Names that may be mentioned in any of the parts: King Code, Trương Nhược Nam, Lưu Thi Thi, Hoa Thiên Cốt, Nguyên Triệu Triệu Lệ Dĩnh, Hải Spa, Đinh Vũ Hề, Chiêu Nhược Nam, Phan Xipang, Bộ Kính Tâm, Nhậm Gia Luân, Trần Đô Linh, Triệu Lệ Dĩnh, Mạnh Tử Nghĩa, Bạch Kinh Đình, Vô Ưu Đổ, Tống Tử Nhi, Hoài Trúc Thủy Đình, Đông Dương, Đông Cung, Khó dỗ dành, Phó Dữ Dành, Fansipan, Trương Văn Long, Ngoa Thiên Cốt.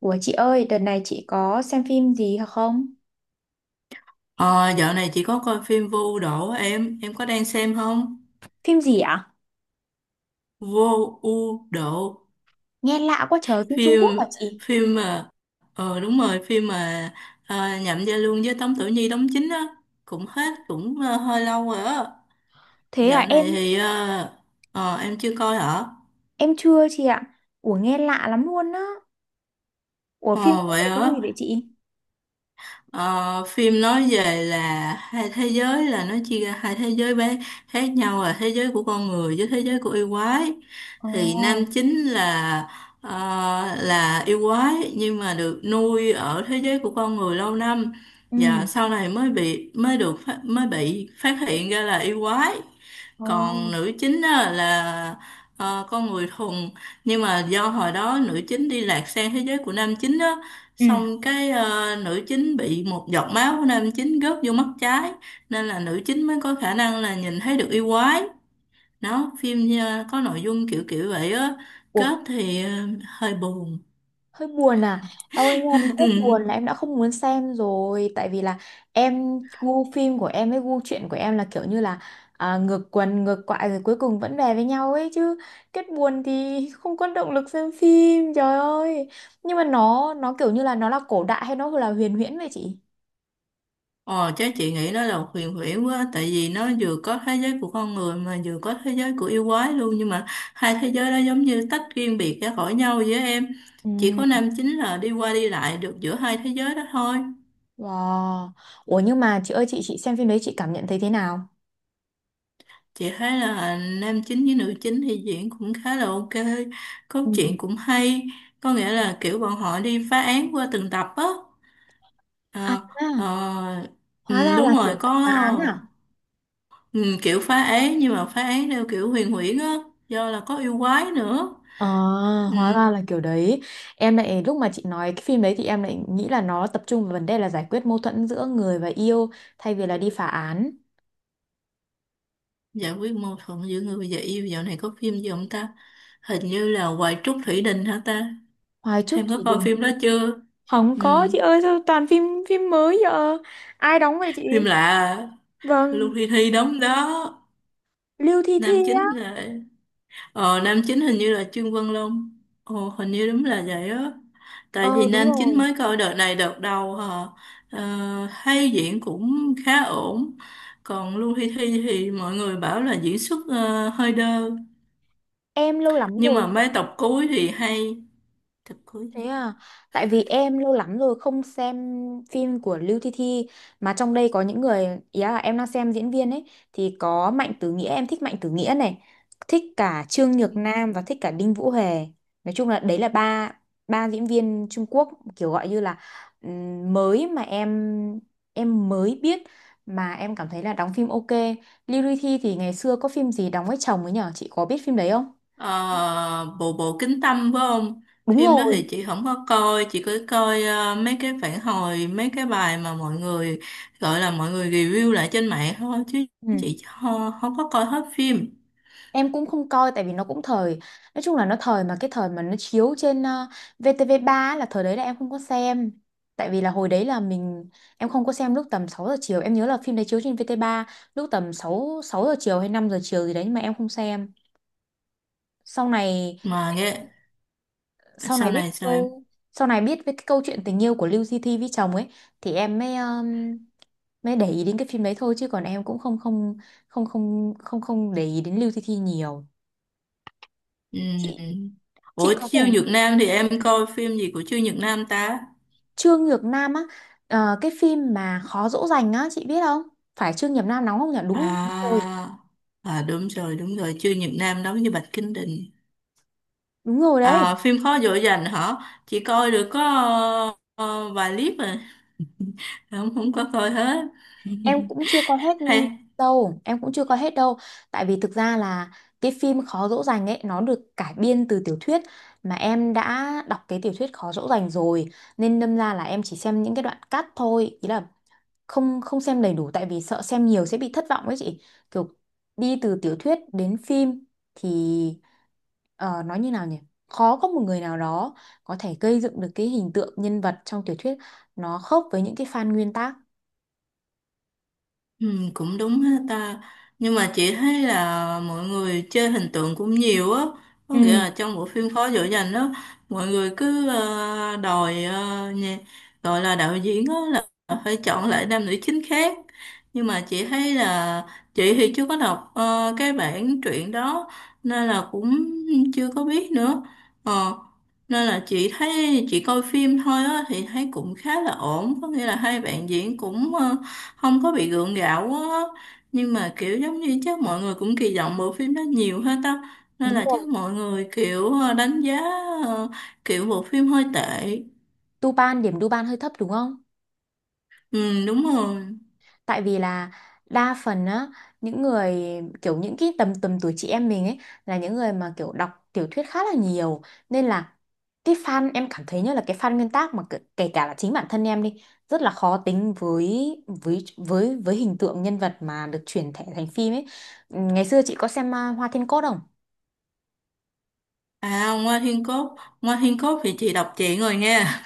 Ủa chị ơi, đợt này chị có xem phim gì hả không? Ờ, Dạo này chị có coi phim Vô Ưu Đổ em có đang xem không? Phim gì ạ? Vô Ưu Đổ, Nghe lạ quá trời, phim Trung phim Quốc hả chị? phim mà đúng rồi, phim mà Nhậm Gia Luân với Tống Tử Nhi đóng chính á, cũng hết cũng hơi lâu rồi á. Thế à Dạo này thì em chưa coi hả? em chưa chị ạ. Ủa nghe lạ lắm luôn á. Ủa phim Ờ có vậy về cái hả? gì vậy chị? Ờ, phim nói về là hai thế giới, là nó chia ra hai thế giới bé khác nhau, là thế giới của con người với thế giới của yêu quái. Ồ, Thì nam chính là ờ, yêu quái nhưng mà được nuôi ở thế giới của con người lâu năm, và ừ. sau này mới bị mới được phát, mới bị phát hiện ra là yêu quái. Ờ, Còn nữ chính á, là con người thuần, nhưng mà do hồi đó nữ chính đi lạc sang thế giới của nam chính á, Ừ. xong cái nữ chính bị một giọt máu của nam chính rớt vô mắt trái, nên là nữ chính mới có khả năng là nhìn thấy được yêu quái. Đó, phim có nội dung kiểu kiểu vậy á. Ủa Kết thì hơi buồn. hơi buồn à em ơi nghe đến kết buồn là em đã không muốn xem rồi tại vì là em gu phim của em với gu truyện của em là kiểu như là ngược quần ngược quại rồi cuối cùng vẫn về với nhau ấy chứ, kết buồn thì không có động lực xem phim trời ơi. Nhưng mà nó kiểu như là nó là cổ đại hay nó là huyền huyễn vậy chị? Ờ, chắc chị nghĩ nó là huyền huyễn quá, tại vì nó vừa có thế giới của con người mà vừa có thế giới của yêu quái luôn, nhưng mà hai thế giới đó giống như tách riêng biệt ra khỏi nhau với em. Ừ. Chỉ có nam chính là đi qua đi lại được giữa hai thế giới đó thôi. Wow. Ủa nhưng mà chị ơi, chị xem phim đấy chị cảm nhận thấy thế nào? Chị thấy là nam chính với nữ chính thì diễn cũng khá là ok, Ừ. cốt truyện cũng hay, có nghĩa là kiểu bọn họ đi phá án qua từng tập á. À, Ờ, ờ, hóa ừ, ra là đúng kiểu rồi, có. dạng phá án à? Ừ, kiểu phá án nhưng mà phá án theo kiểu huyền huyễn á, do là có yêu quái nữa. À, hóa Ừ, ra là kiểu đấy. Em lại lúc mà chị nói cái phim đấy thì em lại nghĩ là nó tập trung vào vấn đề là giải quyết mâu thuẫn giữa người và yêu, thay vì là đi phá án. giải quyết mâu thuẫn giữa người và yêu, dạo này có phim gì không ta? Hình như là Hoài Trúc Thủy Đình hả ta? Hoài Trúc Em Thủy có coi Đình. phim đó chưa? Không Ừ, có chị ơi, sao toàn phim phim mới giờ. Ai đóng vậy phim chị? lạ à. Lưu Vâng, Thi Thi đóng đó, Lưu Thi Thi nam chính á. là nam chính hình như là Trương Văn Long. Ồ, hình như đúng là vậy á. Tại vì Ờ đúng nam chính rồi. mới coi đợt này đợt đầu hả? Ờ, hay diễn cũng khá ổn. Còn Lưu Hi Thi thì mọi người bảo là diễn xuất hơi đơ. Em lâu lắm Nhưng mà rồi. mấy tập cuối thì hay. Tập cuối Thế gì? à, tại vì em lâu lắm rồi không xem phim của Lưu Thi Thi, mà trong đây có những người ý là em đang xem diễn viên ấy thì có Mạnh Tử Nghĩa, em thích Mạnh Tử Nghĩa này, thích cả Trương Nhược Ừ. Nam và thích cả Đinh Vũ Hề. Nói chung là đấy là ba ba diễn viên Trung Quốc, kiểu gọi như là mới mà em mới biết mà em cảm thấy là đóng phim ok. Lưu Thi Thi thì ngày xưa có phim gì đóng với chồng ấy nhở, chị có biết phim đấy không? Ờ, bộ bộ kính tâm phải không? Đúng Phim đó rồi. thì chị không có coi, chị cứ coi mấy cái phản hồi, mấy cái bài mà mọi người gọi là mọi người review lại trên mạng thôi, chứ Ừ. chị không có coi hết phim. Em cũng không coi tại vì nó cũng thời. Nói chung là nó thời mà cái thời mà nó chiếu trên VTV3 là thời đấy là em không có xem. Tại vì là hồi đấy là mình, em không có xem lúc tầm 6 giờ chiều. Em nhớ là phim đấy chiếu trên VTV3 lúc tầm 6 6 giờ chiều hay 5 giờ chiều gì đấy. Nhưng mà em không xem. Sau này Mà nghe sau biết này sao em? câu, sau này biết với cái câu chuyện tình yêu của Lưu Di Thi với chồng ấy, thì em mới mới để ý đến cái phim đấy thôi. Chứ còn em cũng không không không không không không để ý đến Lưu Di Thi nhiều. Chị Ừm. chị Ủa có vẻ Chiêu Nhược Nam thì em coi phim gì của Chiêu Nhược Nam ta? Trương Nhược Nam á, cái phim mà Khó dỗ dành á chị biết không, phải Trương Nhược Nam đóng không nhỉ, đúng không, đúng rồi, À, à, đúng rồi, Chiêu nhật Nam đóng với Bạch Kinh Đình. đúng rồi đấy. À, phim Khó dỗ dành hả? Chị coi được có vài clip rồi, không không có coi hết. Em cũng chưa coi hết Hay. đâu, em cũng chưa coi hết đâu, tại vì thực ra là cái phim Khó dỗ dành ấy nó được cải biên từ tiểu thuyết mà em đã đọc cái tiểu thuyết Khó dỗ dành rồi, nên đâm ra là em chỉ xem những cái đoạn cắt thôi, ý là không không xem đầy đủ tại vì sợ xem nhiều sẽ bị thất vọng ấy chị. Kiểu đi từ tiểu thuyết đến phim thì nói như nào nhỉ, khó có một người nào đó có thể gây dựng được cái hình tượng nhân vật trong tiểu thuyết nó khớp với những cái fan nguyên tác. Ừ, cũng đúng ha ta, nhưng mà chị thấy là mọi người chơi hình tượng cũng nhiều á, có nghĩa Ừ. là trong bộ phim Phó Dữ Dành đó, mọi người cứ đòi gọi là đạo diễn á là phải chọn lại nam nữ chính khác, nhưng mà chị thấy là chị thì chưa có đọc cái bản truyện đó nên là cũng chưa có biết nữa. Ờ, nên là chị thấy chị coi phim thôi á thì thấy cũng khá là ổn, có nghĩa là hai bạn diễn cũng không có bị gượng gạo quá á. Nhưng mà kiểu giống như chắc mọi người cũng kỳ vọng bộ phim đó nhiều hết á, nên Đúng là chắc rồi. mọi người kiểu đánh giá ờ, kiểu bộ phim hơi tệ. Tupan điểm, Tupan hơi thấp đúng không? Ừ, đúng rồi. Tại vì là đa phần á, những người kiểu những cái tầm tầm tuổi chị em mình ấy, là những người mà kiểu đọc tiểu thuyết khá là nhiều, nên là cái fan em cảm thấy như là cái fan nguyên tác, mà kể kể cả là chính bản thân em đi, rất là khó tính với hình tượng nhân vật mà được chuyển thể thành phim ấy. Ngày xưa chị có xem Hoa Thiên Cốt không? À, Ngoa Thiên Cốt. Ngoa Thiên Cốt thì chị đọc chuyện rồi nha.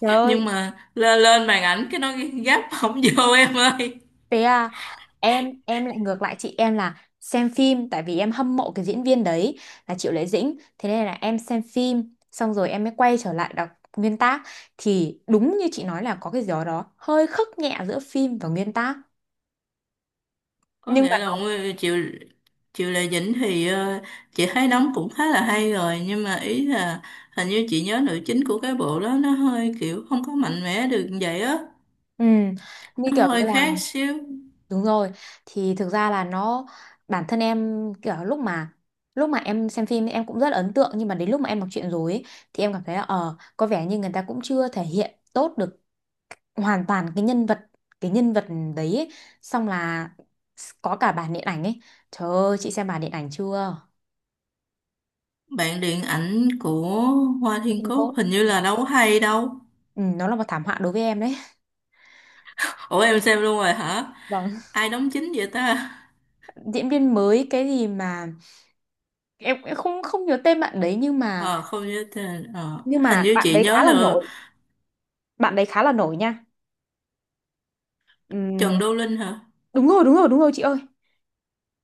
Trời Nhưng ơi, mà lên lên màn ảnh cái nó gấp không vô em ơi. thế à, em lại ngược lại chị, em là xem phim tại vì em hâm mộ cái diễn viên đấy là Triệu Lệ Dĩnh, thế nên là em xem phim xong rồi em mới quay trở lại đọc nguyên tác, thì đúng như chị nói là có cái gì đó hơi khắc nhẹ giữa phim và nguyên tác. Có Nhưng mà nghĩa là nó- Nguyên Triệu Triệu Lệ Dĩnh thì chị thấy đóng cũng khá là hay rồi, nhưng mà ý là hình như chị nhớ nữ chính của cái bộ đó nó hơi kiểu không có mạnh mẽ được vậy á, ừ, như nó kiểu như hơi là, khác xíu. đúng rồi, thì thực ra là nó, bản thân em kiểu lúc mà em xem phim em cũng rất là ấn tượng, nhưng mà đến lúc mà em đọc truyện rồi ấy, thì em cảm thấy là có vẻ như người ta cũng chưa thể hiện tốt được hoàn toàn cái nhân vật, cái nhân vật đấy ấy. Xong là có cả bản điện ảnh ấy, trời ơi chị xem bản điện ảnh chưa, Bạn điện ảnh của Hoa Thiên King Cốt Code, hình như là đâu có hay đâu. ừ, nó là một thảm họa đối với em đấy. Ủa em xem luôn rồi hả? Vâng, Ai đóng chính vậy ta? diễn viên mới cái gì mà em cũng không không nhớ tên bạn đấy, nhưng mà, Ờ Không nhớ tên, nhưng hình mà như bạn chị đấy nhớ khá là là nổi, bạn đấy khá là nổi nha. Trần Ừm, Đô Linh hả? đúng rồi đúng rồi đúng rồi chị ơi,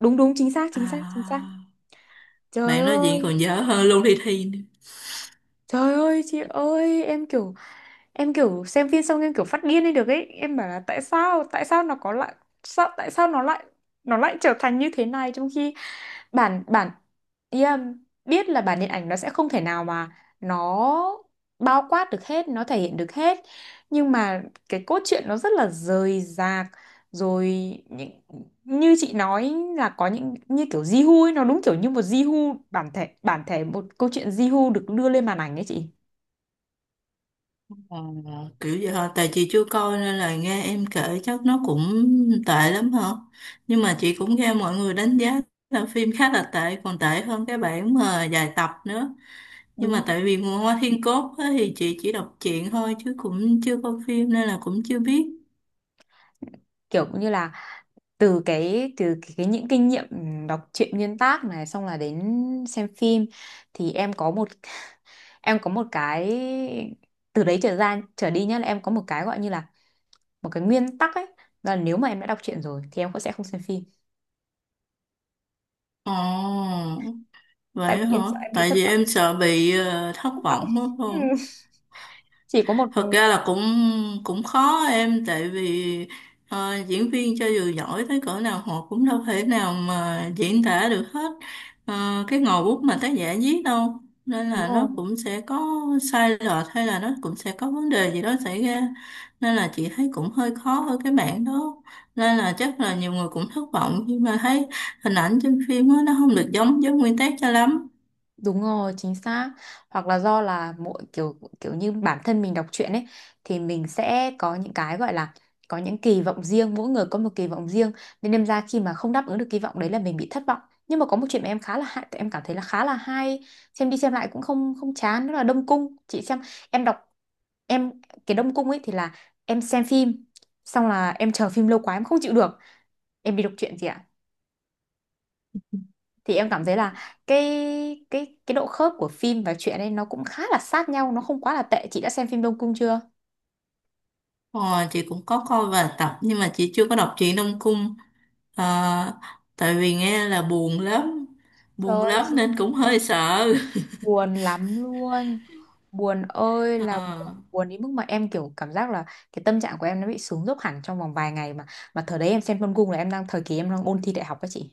đúng đúng, chính xác chính xác chính xác. À, Trời bạn nói chuyện ơi. còn dở hơn Lưu Thị Thi. Trời ơi chị ơi, em kiểu, em kiểu xem phim xong em kiểu phát điên lên được ấy, em bảo là tại sao, tại sao nó có lại, sao tại sao nó lại, nó lại trở thành như thế này trong khi bản bản yeah, biết là bản điện ảnh nó sẽ không thể nào mà nó bao quát được hết, nó thể hiện được hết, nhưng mà cái cốt truyện nó rất là rời rạc rồi, những, như chị nói là có những như kiểu Jihoo ấy, nó đúng kiểu như một Jihoo bản thể một câu chuyện Jihoo được đưa lên màn ảnh ấy chị. Ờ, kiểu vậy hả? Tại chị chưa coi nên là nghe em kể chắc nó cũng tệ lắm hả? Nhưng mà chị cũng nghe mọi người đánh giá là phim khá là tệ, còn tệ hơn cái bản mà dài tập nữa. Nhưng Đúng mà rồi. tại vì Nguồn Hoa Thiên Cốt á, thì chị chỉ đọc truyện thôi chứ cũng chưa coi phim nên là cũng chưa biết. Kiểu cũng như là, từ cái những kinh nghiệm đọc truyện nguyên tác này xong là đến xem phim, thì em có một, em có một cái từ đấy trở ra trở đi nhá, là em có một cái gọi như là một cái nguyên tắc ấy, là nếu mà em đã đọc truyện rồi thì em cũng sẽ không xem phim, Ồ, tại vậy vì hả? em sợ em bị Tại thất vì vọng, em sợ bị thất thất vọng. vọng á, Ừ. không? Chỉ có một. Thật ra là cũng cũng khó em, tại vì diễn viên cho dù giỏi tới cỡ nào họ cũng đâu thể nào mà diễn tả được hết cái ngòi bút mà tác giả viết đâu, nên Đúng là nó rồi. cũng sẽ có sai lệch, hay là nó cũng sẽ có vấn đề gì đó xảy ra, nên là chị thấy cũng hơi khó ở cái mảng đó, nên là chắc là nhiều người cũng thất vọng khi mà thấy hình ảnh trên phim á, nó không được giống với nguyên tác cho lắm. Đúng rồi, chính xác. Hoặc là do là mỗi kiểu kiểu như bản thân mình đọc truyện ấy, thì mình sẽ có những cái gọi là có những kỳ vọng riêng, mỗi người có một kỳ vọng riêng, nên đâm ra khi mà không đáp ứng được kỳ vọng đấy là mình bị thất vọng. Nhưng mà có một chuyện mà em khá là hay, em cảm thấy là khá là hay, xem đi xem lại cũng không không chán, đó là Đông Cung. Chị xem, em đọc, em, cái Đông Cung ấy thì là em xem phim, xong là em chờ phim lâu quá em không chịu được, em đi đọc truyện gì ạ? Thì em cảm thấy là cái độ khớp của phim và truyện ấy nó cũng khá là sát nhau, nó không quá là tệ. Chị đã xem phim Đông Cung chưa? Ờ, chị cũng có coi vài tập nhưng mà chị chưa có đọc truyện Đông Cung. Ờ, tại vì nghe là buồn lắm, Trời buồn ơi lắm chị, nên cũng hơi sợ. buồn lắm luôn, buồn ơi là buồn, Ờ, buồn đến mức mà em kiểu cảm giác là cái tâm trạng của em nó bị xuống dốc hẳn trong vòng vài ngày, mà thời đấy em xem Đông Cung là em đang thời kỳ em đang ôn thi đại học các chị,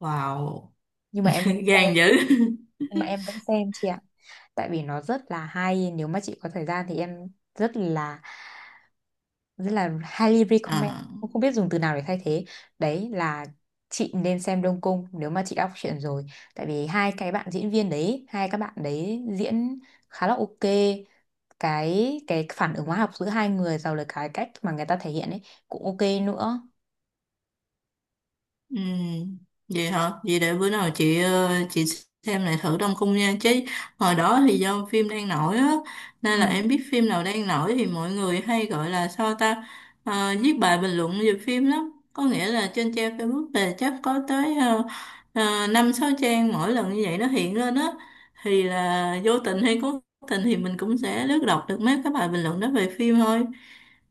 wow. nhưng mà em vẫn xem, Gan dữ. nhưng mà em vẫn xem chị ạ, tại vì nó rất là hay, nếu mà chị có thời gian thì em rất là, rất là highly Ờ. recommend, cũng không biết dùng từ nào để thay thế, đấy là chị nên xem Đông Cung nếu mà chị đọc truyện rồi, tại vì hai cái bạn diễn viên đấy, hai các bạn đấy diễn khá là ok, cái phản ứng hóa học giữa hai người rồi là cái cách mà người ta thể hiện ấy cũng ok nữa. Ừ, vậy hả? Vậy để bữa nào chị chị xem lại thử Đông Cung nha. Chứ hồi đó thì do phim đang nổi á, nên Ừ. là em biết phim nào đang nổi thì mọi người hay gọi là sao ta, viết bài bình luận về phim lắm. Có nghĩa là trên trang Facebook là chắc có tới uh, 5-6 trang mỗi lần như vậy nó hiện lên á. Thì là vô tình hay cố tình thì mình cũng sẽ lướt đọc được mấy cái bài bình luận đó về phim thôi.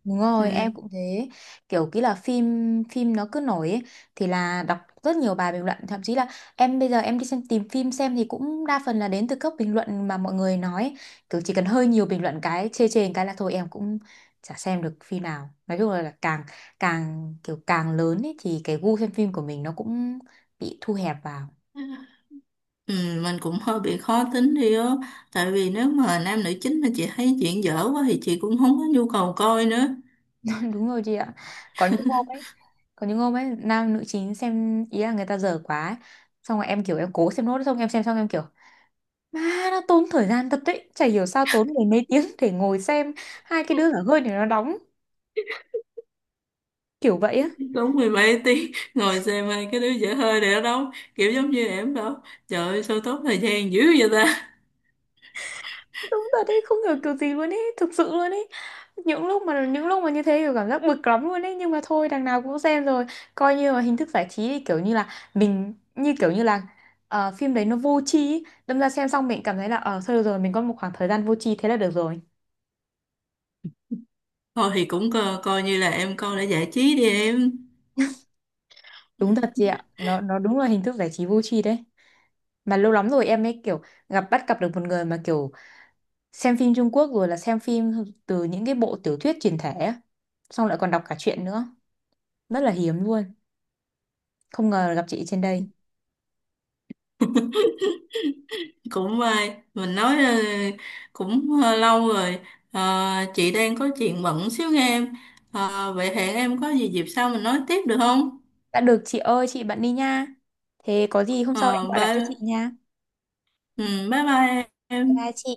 Đúng rồi, Ừ. em cũng thế. Kiểu kỹ là phim phim nó cứ nổi ấy, thì là đọc rất nhiều bài bình luận, thậm chí là em bây giờ em đi xem tìm phim xem thì cũng đa phần là đến từ các bình luận mà mọi người nói, kiểu chỉ cần hơi nhiều bình luận cái chê chê cái là thôi em cũng chả xem được phim nào. Nói chung là càng, càng kiểu càng lớn ấy thì cái gu xem phim của mình nó cũng bị thu hẹp vào. Ừ, mình cũng hơi bị khó tính đi á, tại vì nếu mà nam nữ chính mà chị thấy chuyện dở quá thì chị cũng không có nhu cầu coi nữa. Đúng rồi chị ạ. Có những hôm ấy, có những hôm ấy nam nữ chính xem ý là người ta dở quá ấy, xong rồi em kiểu em cố xem nốt, xong em xem xong em kiểu má, nó tốn thời gian thật đấy. Chả hiểu sao tốn mười mấy tiếng để ngồi xem hai cái đứa dở hơi này nó đóng kiểu vậy á. Đúng mười mấy tiếng, ngồi xem hai cái đứa dở hơi này ở đâu, kiểu giống như em đâu, trời ơi sao tốt thời gian dữ vậy ta. Đúng thật đấy, không hiểu kiểu gì luôn ấy, thực sự luôn ấy. Những lúc mà như thế kiểu cảm giác bực lắm luôn ấy, nhưng mà thôi đằng nào cũng xem rồi. Coi như là hình thức giải trí thì kiểu như là mình như kiểu như là phim đấy nó vô tri ý. Đâm ra xem xong mình cảm thấy là thôi được rồi, mình có một khoảng thời gian vô tri thế là được rồi. Thôi thì cũng coi, coi như là em coi để giải trí đi em. Đúng thật chị ạ. Nó đúng là hình thức giải trí vô tri đấy. Mà lâu lắm rồi em ấy kiểu bắt gặp được một người mà kiểu xem phim Trung Quốc rồi là xem phim từ những cái bộ tiểu thuyết truyền thể á, xong lại còn đọc cả truyện nữa, rất là hiếm luôn, không ngờ gặp chị trên đây. Cũng may mình nói cũng lâu rồi. Ờ, chị đang có chuyện bận xíu nghe em. Vậy hẹn em có gì dịp sau mình nói tiếp được không? Đã được chị ơi, chị bận đi nha, thế có gì hôm sau em Ờ, gọi lại cho chị bye. nha. ừ, Bye bye Bye bye em. chị.